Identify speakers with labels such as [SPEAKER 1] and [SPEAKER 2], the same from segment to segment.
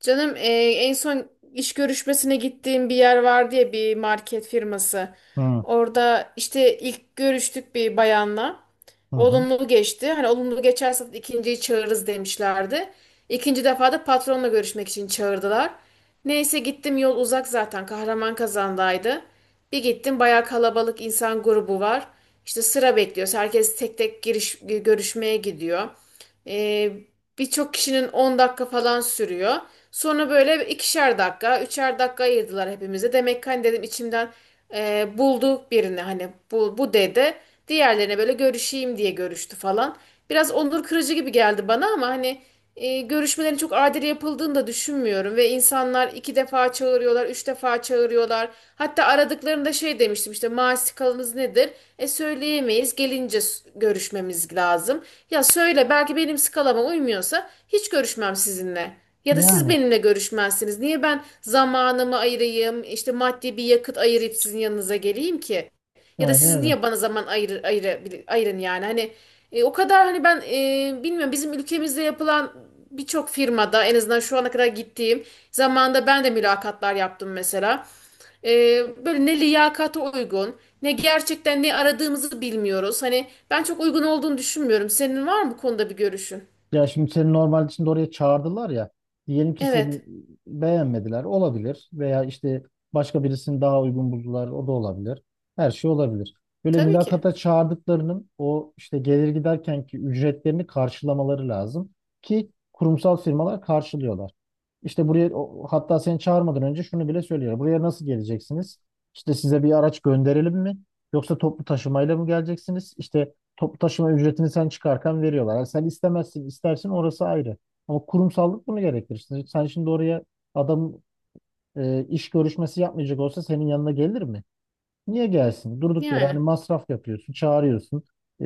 [SPEAKER 1] Canım en son iş görüşmesine gittiğim bir yer vardı ya, bir market firması.
[SPEAKER 2] Hı,
[SPEAKER 1] Orada işte ilk görüştük bir bayanla.
[SPEAKER 2] hı hı.
[SPEAKER 1] Olumlu geçti. Hani olumlu geçerse ikinciyi çağırırız demişlerdi. İkinci defa da patronla görüşmek için çağırdılar. Neyse gittim, yol uzak zaten, Kahraman kazandaydı. Bir gittim, bayağı kalabalık insan grubu var. İşte sıra bekliyoruz. Herkes tek tek giriş, görüşmeye gidiyor. Ee, birçok kişinin 10 dakika falan sürüyor. Sonra böyle ikişer dakika, üçer dakika ayırdılar hepimize. Demek ki, hani dedim içimden, buldu birini, hani bu, dedi. Diğerlerine böyle görüşeyim diye görüştü falan. Biraz onur kırıcı gibi geldi bana ama hani, görüşmelerin çok adil yapıldığını da düşünmüyorum ve insanlar iki defa çağırıyorlar, üç defa çağırıyorlar. Hatta aradıklarında şey demiştim, işte maaş skalanız nedir? E söyleyemeyiz, gelince görüşmemiz lazım. Ya söyle, belki benim skalama uymuyorsa hiç görüşmem sizinle. Ya da siz
[SPEAKER 2] Yani
[SPEAKER 1] benimle görüşmezsiniz. Niye ben zamanımı ayırayım, işte maddi bir yakıt ayırıp sizin yanınıza geleyim ki? Ya da
[SPEAKER 2] aynen
[SPEAKER 1] siz
[SPEAKER 2] öyle.
[SPEAKER 1] niye bana zaman ayırın yani? Hani, o kadar hani ben, bilmiyorum, bizim ülkemizde yapılan birçok firmada, en azından şu ana kadar gittiğim zamanda, ben de mülakatlar yaptım mesela. Böyle ne liyakata uygun, ne gerçekten ne aradığımızı bilmiyoruz. Hani ben çok uygun olduğunu düşünmüyorum. Senin var mı bu konuda bir görüşün?
[SPEAKER 2] Ya şimdi seni normalde şimdi oraya çağırdılar ya. Diyelim ki seni
[SPEAKER 1] Evet,
[SPEAKER 2] beğenmediler. Olabilir. Veya işte başka birisini daha uygun buldular. O da olabilir. Her şey olabilir. Böyle
[SPEAKER 1] tabii ki.
[SPEAKER 2] mülakata çağırdıklarının o işte gelir giderken ki ücretlerini karşılamaları lazım. Ki kurumsal firmalar karşılıyorlar. İşte buraya hatta seni çağırmadan önce şunu bile söylüyor. Buraya nasıl geleceksiniz? İşte size bir araç gönderelim mi? Yoksa toplu taşımayla mı geleceksiniz? İşte toplu taşıma ücretini sen çıkarken veriyorlar. Yani sen istemezsin, istersin orası ayrı. Ama kurumsallık bunu gerektirir. Sen şimdi oraya adam iş görüşmesi yapmayacak olsa senin yanına gelir mi? Niye gelsin? Durduk yere hani
[SPEAKER 1] Yani,
[SPEAKER 2] masraf yapıyorsun, çağırıyorsun.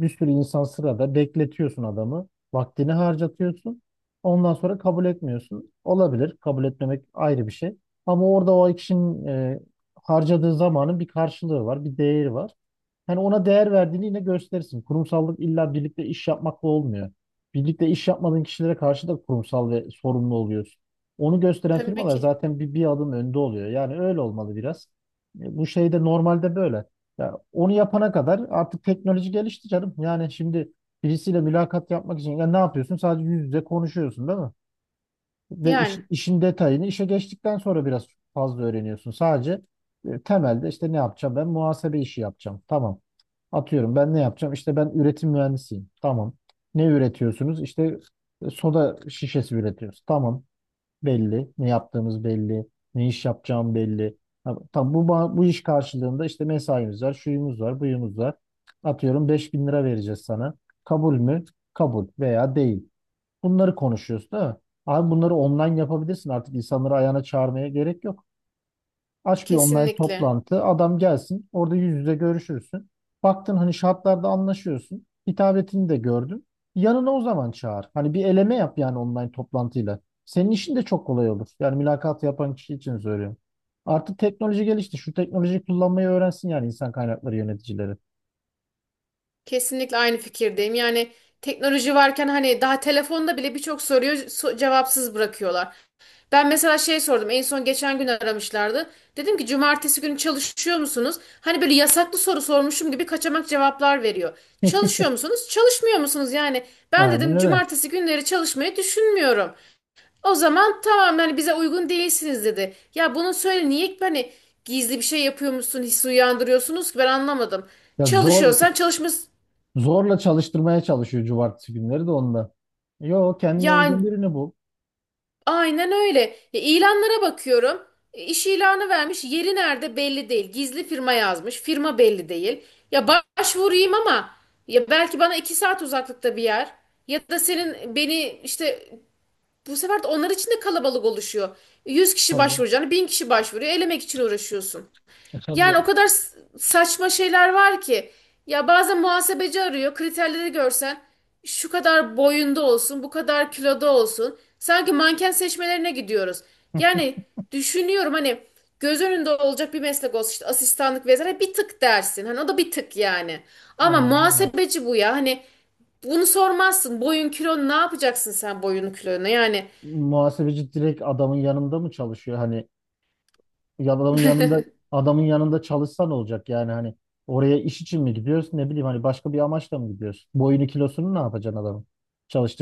[SPEAKER 2] Bir sürü insan sırada bekletiyorsun adamı. Vaktini harcatıyorsun. Ondan sonra kabul etmiyorsun. Olabilir. Kabul etmemek ayrı bir şey. Ama orada o kişinin harcadığı zamanın bir karşılığı var, bir değeri var, hani ona değer verdiğini yine gösterirsin. Kurumsallık illa birlikte iş yapmakla olmuyor. Birlikte iş yapmadığın kişilere karşı da kurumsal ve sorumlu oluyorsun. Onu gösteren
[SPEAKER 1] tabii
[SPEAKER 2] firmalar
[SPEAKER 1] ki.
[SPEAKER 2] zaten bir adım önde oluyor. Yani öyle olmalı biraz. Bu şey de normalde böyle. Ya onu yapana kadar artık teknoloji gelişti canım. Yani şimdi birisiyle mülakat yapmak için ya ne yapıyorsun? Sadece yüz yüze konuşuyorsun, değil mi? Ve
[SPEAKER 1] Yani,
[SPEAKER 2] işin detayını işe geçtikten sonra biraz fazla öğreniyorsun. Sadece temelde işte ne yapacağım? Ben muhasebe işi yapacağım. Tamam. Atıyorum ben ne yapacağım? İşte ben üretim mühendisiyim. Tamam. Ne üretiyorsunuz? İşte soda şişesi üretiyoruz. Tamam. Belli. Ne yaptığımız belli. Ne iş yapacağım belli. Ha, tamam, bu iş karşılığında işte mesaimiz var, şuyumuz var, buyumuz var. Atıyorum 5000 lira vereceğiz sana. Kabul mü? Kabul veya değil. Bunları konuşuyoruz, değil mi? Abi bunları online yapabilirsin, artık insanları ayağına çağırmaya gerek yok. Aç bir online
[SPEAKER 1] kesinlikle.
[SPEAKER 2] toplantı, adam gelsin, orada yüz yüze görüşürsün. Baktın hani şartlarda anlaşıyorsun. Hitabetini de gördün. Yanına o zaman çağır. Hani bir eleme yap yani online toplantıyla. Senin işin de çok kolay olur. Yani mülakat yapan kişi için söylüyorum. Artık teknoloji gelişti. Şu teknolojiyi kullanmayı öğrensin yani insan kaynakları yöneticileri.
[SPEAKER 1] Kesinlikle aynı fikirdeyim. Yani teknoloji varken, hani daha telefonda bile birçok soruyu cevapsız bırakıyorlar. Ben mesela şey sordum. En son geçen gün aramışlardı. Dedim ki cumartesi günü çalışıyor musunuz? Hani böyle yasaklı soru sormuşum gibi kaçamak cevaplar veriyor. Çalışıyor musunuz? Çalışmıyor musunuz? Yani ben
[SPEAKER 2] Aynen
[SPEAKER 1] dedim
[SPEAKER 2] öyle.
[SPEAKER 1] cumartesi günleri çalışmayı düşünmüyorum. O zaman tamam, yani bize uygun değilsiniz dedi. Ya bunu söyle, niye hani gizli bir şey yapıyormuşsun hissi uyandırıyorsunuz ki, ben anlamadım.
[SPEAKER 2] Ya zor.
[SPEAKER 1] Çalışıyorsan çalışma.
[SPEAKER 2] Zorla çalıştırmaya çalışıyor cumartesi günleri de onda. Yo, kendine uygun
[SPEAKER 1] Yani,
[SPEAKER 2] birini bul.
[SPEAKER 1] aynen öyle. İlanlara bakıyorum. İş ilanı vermiş. Yeri nerede belli değil. Gizli firma yazmış. Firma belli değil. Ya başvurayım ama, ya belki bana iki saat uzaklıkta bir yer. Ya da senin beni işte, bu sefer de onlar için de kalabalık oluşuyor. 100 kişi
[SPEAKER 2] Tabii canım.
[SPEAKER 1] başvuracağını 1000 kişi başvuruyor. Elemek için uğraşıyorsun.
[SPEAKER 2] E, tabii
[SPEAKER 1] Yani o
[SPEAKER 2] canım.
[SPEAKER 1] kadar saçma şeyler var ki. Ya bazen muhasebeci arıyor. Kriterleri görsen, şu kadar boyunda olsun, bu kadar kiloda olsun. Sanki manken seçmelerine gidiyoruz. Yani düşünüyorum, hani göz önünde olacak bir meslek olsun, işte asistanlık vesaire, bir tık dersin. Hani o da bir tık yani. Ama
[SPEAKER 2] Aynen öyle.
[SPEAKER 1] muhasebeci bu ya. Hani bunu sormazsın. Boyun kilon ne yapacaksın, sen boyun kilonu? Yani,
[SPEAKER 2] Muhasebeci direkt adamın yanında mı çalışıyor? Hani ya adamın yanında, adamın yanında çalışsa ne olacak? Yani hani oraya iş için mi gidiyorsun? Ne bileyim hani başka bir amaçla mı gidiyorsun? Boyunu kilosunu ne yapacaksın adamın?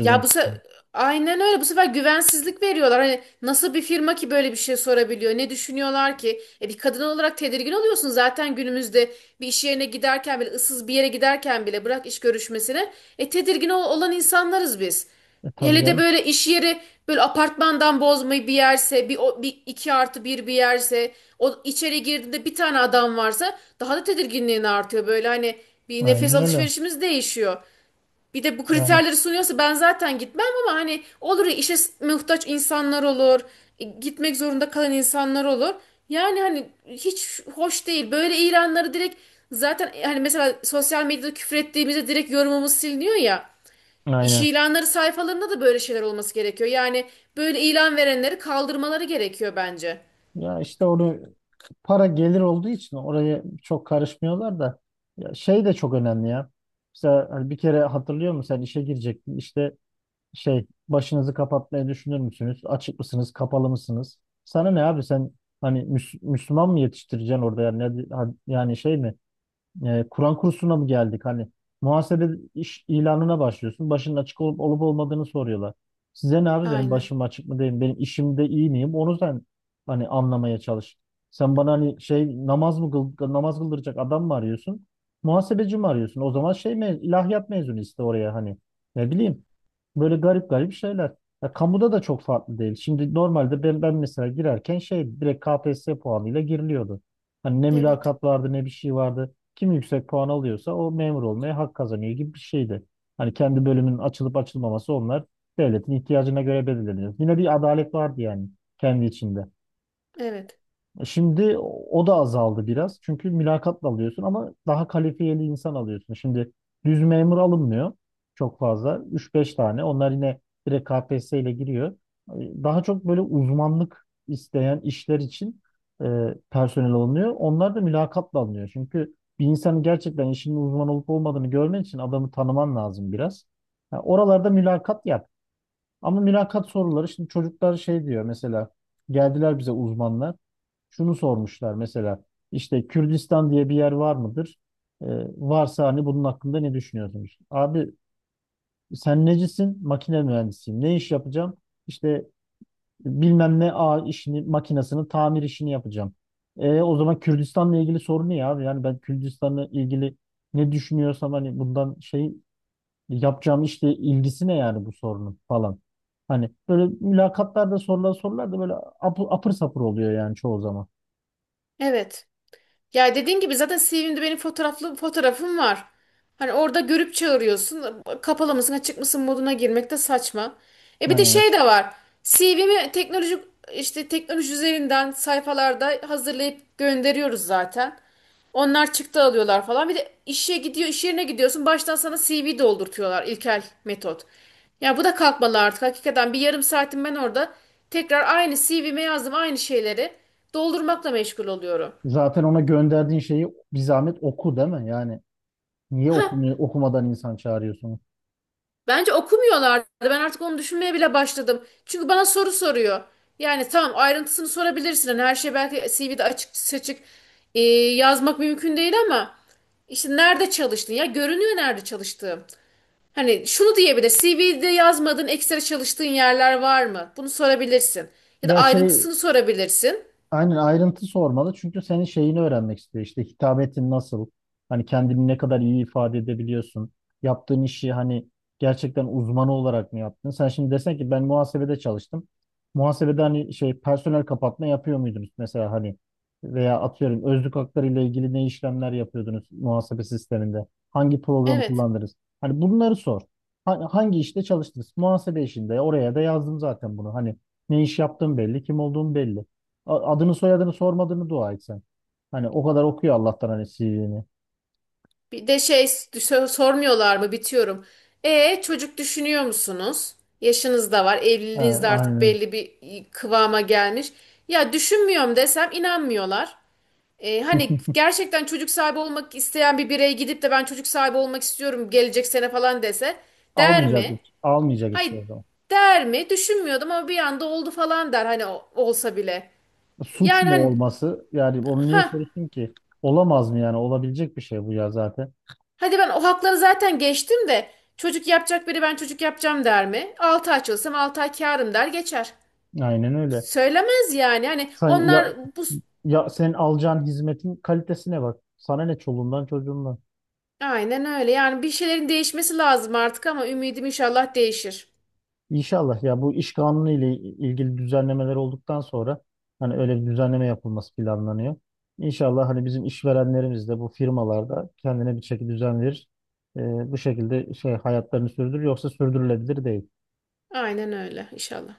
[SPEAKER 1] Ya bu se aynen öyle. Bu sefer güvensizlik veriyorlar. Hani nasıl bir firma ki böyle bir şey sorabiliyor? Ne düşünüyorlar ki? E bir kadın olarak tedirgin oluyorsun zaten, günümüzde bir iş yerine giderken bile, ıssız bir yere giderken bile, bırak iş görüşmesine. E tedirgin olan insanlarız biz.
[SPEAKER 2] E, tabii
[SPEAKER 1] Hele de
[SPEAKER 2] canım.
[SPEAKER 1] böyle iş yeri, böyle apartmandan bozmayı bir yerse, bir, bir iki artı bir bir yerse, o içeri girdiğinde bir tane adam varsa, daha da tedirginliğin artıyor. Böyle hani bir nefes
[SPEAKER 2] Aynen öyle.
[SPEAKER 1] alışverişimiz değişiyor. Bir de bu
[SPEAKER 2] Yani
[SPEAKER 1] kriterleri sunuyorsa ben zaten gitmem, ama hani olur ya, işe muhtaç insanlar olur, gitmek zorunda kalan insanlar olur. Yani hani hiç hoş değil. Böyle ilanları direkt, zaten hani mesela sosyal medyada küfür ettiğimizde direkt yorumumuz siliniyor ya. İş
[SPEAKER 2] aynen.
[SPEAKER 1] ilanları sayfalarında da böyle şeyler olması gerekiyor. Yani böyle ilan verenleri kaldırmaları gerekiyor bence.
[SPEAKER 2] Ya işte onu para gelir olduğu için oraya çok karışmıyorlar da, ya şey de çok önemli ya. Mesela hani bir kere hatırlıyor musun sen işe girecektin işte şey başınızı kapatmayı düşünür müsünüz? Açık mısınız? Kapalı mısınız? Sana ne abi sen hani Müslüman mı yetiştireceksin orada yani, yani şey mi? Kur'an kursuna mı geldik? Hani muhasebe iş ilanına başlıyorsun. Başının açık olup olmadığını soruyorlar. Size ne abi benim
[SPEAKER 1] Aynen.
[SPEAKER 2] başım açık mı değil mi? Benim işimde iyi miyim? Onu sen hani anlamaya çalış. Sen bana hani şey namaz mı kıl, namaz kıldıracak adam mı arıyorsun? Muhasebeci mi arıyorsun? O zaman şey me ilahiyat mezunu iste oraya hani. Ne bileyim. Böyle garip garip şeyler. Ya, kamuda da çok farklı değil. Şimdi normalde ben mesela girerken şey direkt KPSS puanıyla giriliyordu. Hani ne
[SPEAKER 1] Evet.
[SPEAKER 2] mülakat vardı ne bir şey vardı. Kim yüksek puan alıyorsa o memur olmaya hak kazanıyor gibi bir şeydi. Hani kendi bölümünün açılıp açılmaması onlar devletin ihtiyacına göre belirleniyor. Yine bir adalet vardı yani kendi içinde.
[SPEAKER 1] Evet.
[SPEAKER 2] Şimdi o da azaldı biraz. Çünkü mülakatla alıyorsun ama daha kalifiyeli insan alıyorsun. Şimdi düz memur alınmıyor çok fazla. Üç beş tane. Onlar yine direkt KPSS ile giriyor. Daha çok böyle uzmanlık isteyen işler için personel alınıyor. Onlar da mülakatla alınıyor. Çünkü bir insanın gerçekten işinin uzman olup olmadığını görmen için adamı tanıman lazım biraz. Ha, oralarda mülakat yap. Ama mülakat soruları şimdi çocuklar şey diyor mesela, geldiler bize uzmanlar şunu sormuşlar mesela, işte Kürdistan diye bir yer var mıdır? Ee, varsa hani bunun hakkında ne düşünüyorsunuz? Abi sen necisin? Makine mühendisiyim. Ne iş yapacağım? İşte bilmem ne ağ işini, makinesini, tamir işini yapacağım. E, o zaman Kürdistan'la ilgili sorun ne ya abi? Yani ben Kürdistan'la ilgili ne düşünüyorsam hani bundan şey yapacağım, işte ilgisi ne yani bu sorunun falan. Hani böyle mülakatlarda sorulan sorular da böyle apır sapır oluyor yani çoğu zaman.
[SPEAKER 1] Evet. Ya dediğim gibi, zaten CV'mde benim fotoğraflı fotoğrafım var. Hani orada görüp çağırıyorsun. Kapalı mısın, açık mısın moduna girmek de saçma. E bir de
[SPEAKER 2] Yani
[SPEAKER 1] şey de var. CV'mi teknoloji, işte teknoloji üzerinden sayfalarda hazırlayıp gönderiyoruz zaten. Onlar çıktı alıyorlar falan. Bir de işe gidiyor, iş yerine gidiyorsun. Baştan sana CV doldurtuyorlar, ilkel metot. Ya bu da kalkmalı artık. Hakikaten bir yarım saatim ben orada tekrar aynı CV'me yazdım, aynı şeyleri doldurmakla meşgul oluyorum.
[SPEAKER 2] zaten ona gönderdiğin şeyi bir zahmet oku, değil mi? Yani niye okumuyor, okumadan insan çağırıyorsun?
[SPEAKER 1] Bence okumuyorlardı. Ben artık onu düşünmeye bile başladım. Çünkü bana soru soruyor. Yani tamam, ayrıntısını sorabilirsin. Hani her şey belki CV'de açık seçik e, yazmak mümkün değil ama işte nerede çalıştın? Ya görünüyor nerede çalıştığım. Hani şunu diyebilir: CV'de yazmadığın ekstra çalıştığın yerler var mı? Bunu sorabilirsin. Ya da
[SPEAKER 2] Ya şey,
[SPEAKER 1] ayrıntısını sorabilirsin.
[SPEAKER 2] aynen ayrıntı sormalı çünkü senin şeyini öğrenmek istiyor. İşte hitabetin nasıl? Hani kendini ne kadar iyi ifade edebiliyorsun? Yaptığın işi hani gerçekten uzmanı olarak mı yaptın? Sen şimdi desen ki ben muhasebede çalıştım. Muhasebede hani şey personel kapatma yapıyor muydunuz mesela hani, veya atıyorum özlük hakları ile ilgili ne işlemler yapıyordunuz muhasebe sisteminde? Hangi programı
[SPEAKER 1] Evet.
[SPEAKER 2] kullandınız? Hani bunları sor. Hangi işte çalıştınız? Muhasebe işinde, oraya da yazdım zaten bunu. Hani ne iş yaptığım belli, kim olduğum belli. Adını soyadını sormadığını dua et sen. Hani o kadar okuyor Allah'tan hani CV'ni.
[SPEAKER 1] Bir de şey sormuyorlar mı, bitiyorum. E çocuk düşünüyor musunuz? Yaşınız da var,
[SPEAKER 2] Ha,
[SPEAKER 1] evliliğiniz de artık
[SPEAKER 2] aynen.
[SPEAKER 1] belli bir kıvama gelmiş. Ya düşünmüyorum desem inanmıyorlar. Hani gerçekten çocuk sahibi olmak isteyen bir birey gidip de ben çocuk sahibi olmak istiyorum gelecek sene falan dese, der
[SPEAKER 2] Almayacak
[SPEAKER 1] mi?
[SPEAKER 2] hiç. Almayacak hiç
[SPEAKER 1] Hayır.
[SPEAKER 2] o zaman.
[SPEAKER 1] Der mi? Düşünmüyordum ama bir anda oldu falan der, hani olsa bile.
[SPEAKER 2] Suç
[SPEAKER 1] Yani
[SPEAKER 2] mu
[SPEAKER 1] hani
[SPEAKER 2] olması? Yani onu niye
[SPEAKER 1] ha.
[SPEAKER 2] soruyorsun ki? Olamaz mı yani? Olabilecek bir şey bu ya zaten.
[SPEAKER 1] Hadi ben o hakları zaten geçtim de, çocuk yapacak biri ben çocuk yapacağım der mi? 6 ay çalışsam 6 ay kârım der geçer.
[SPEAKER 2] Aynen öyle.
[SPEAKER 1] Söylemez yani. Hani
[SPEAKER 2] Sen
[SPEAKER 1] onlar
[SPEAKER 2] ya,
[SPEAKER 1] bu,
[SPEAKER 2] ya senin alacağın hizmetin kalitesine bak. Sana ne çoluğundan çocuğundan.
[SPEAKER 1] aynen öyle. Yani bir şeylerin değişmesi lazım artık ama ümidim, inşallah değişir.
[SPEAKER 2] İnşallah ya, bu iş kanunu ile ilgili düzenlemeler olduktan sonra hani öyle bir düzenleme yapılması planlanıyor. İnşallah hani bizim işverenlerimiz de bu firmalarda kendine bir şekilde düzen verir. Ee, bu şekilde şey hayatlarını sürdürür yoksa sürdürülebilir değil.
[SPEAKER 1] Aynen öyle inşallah.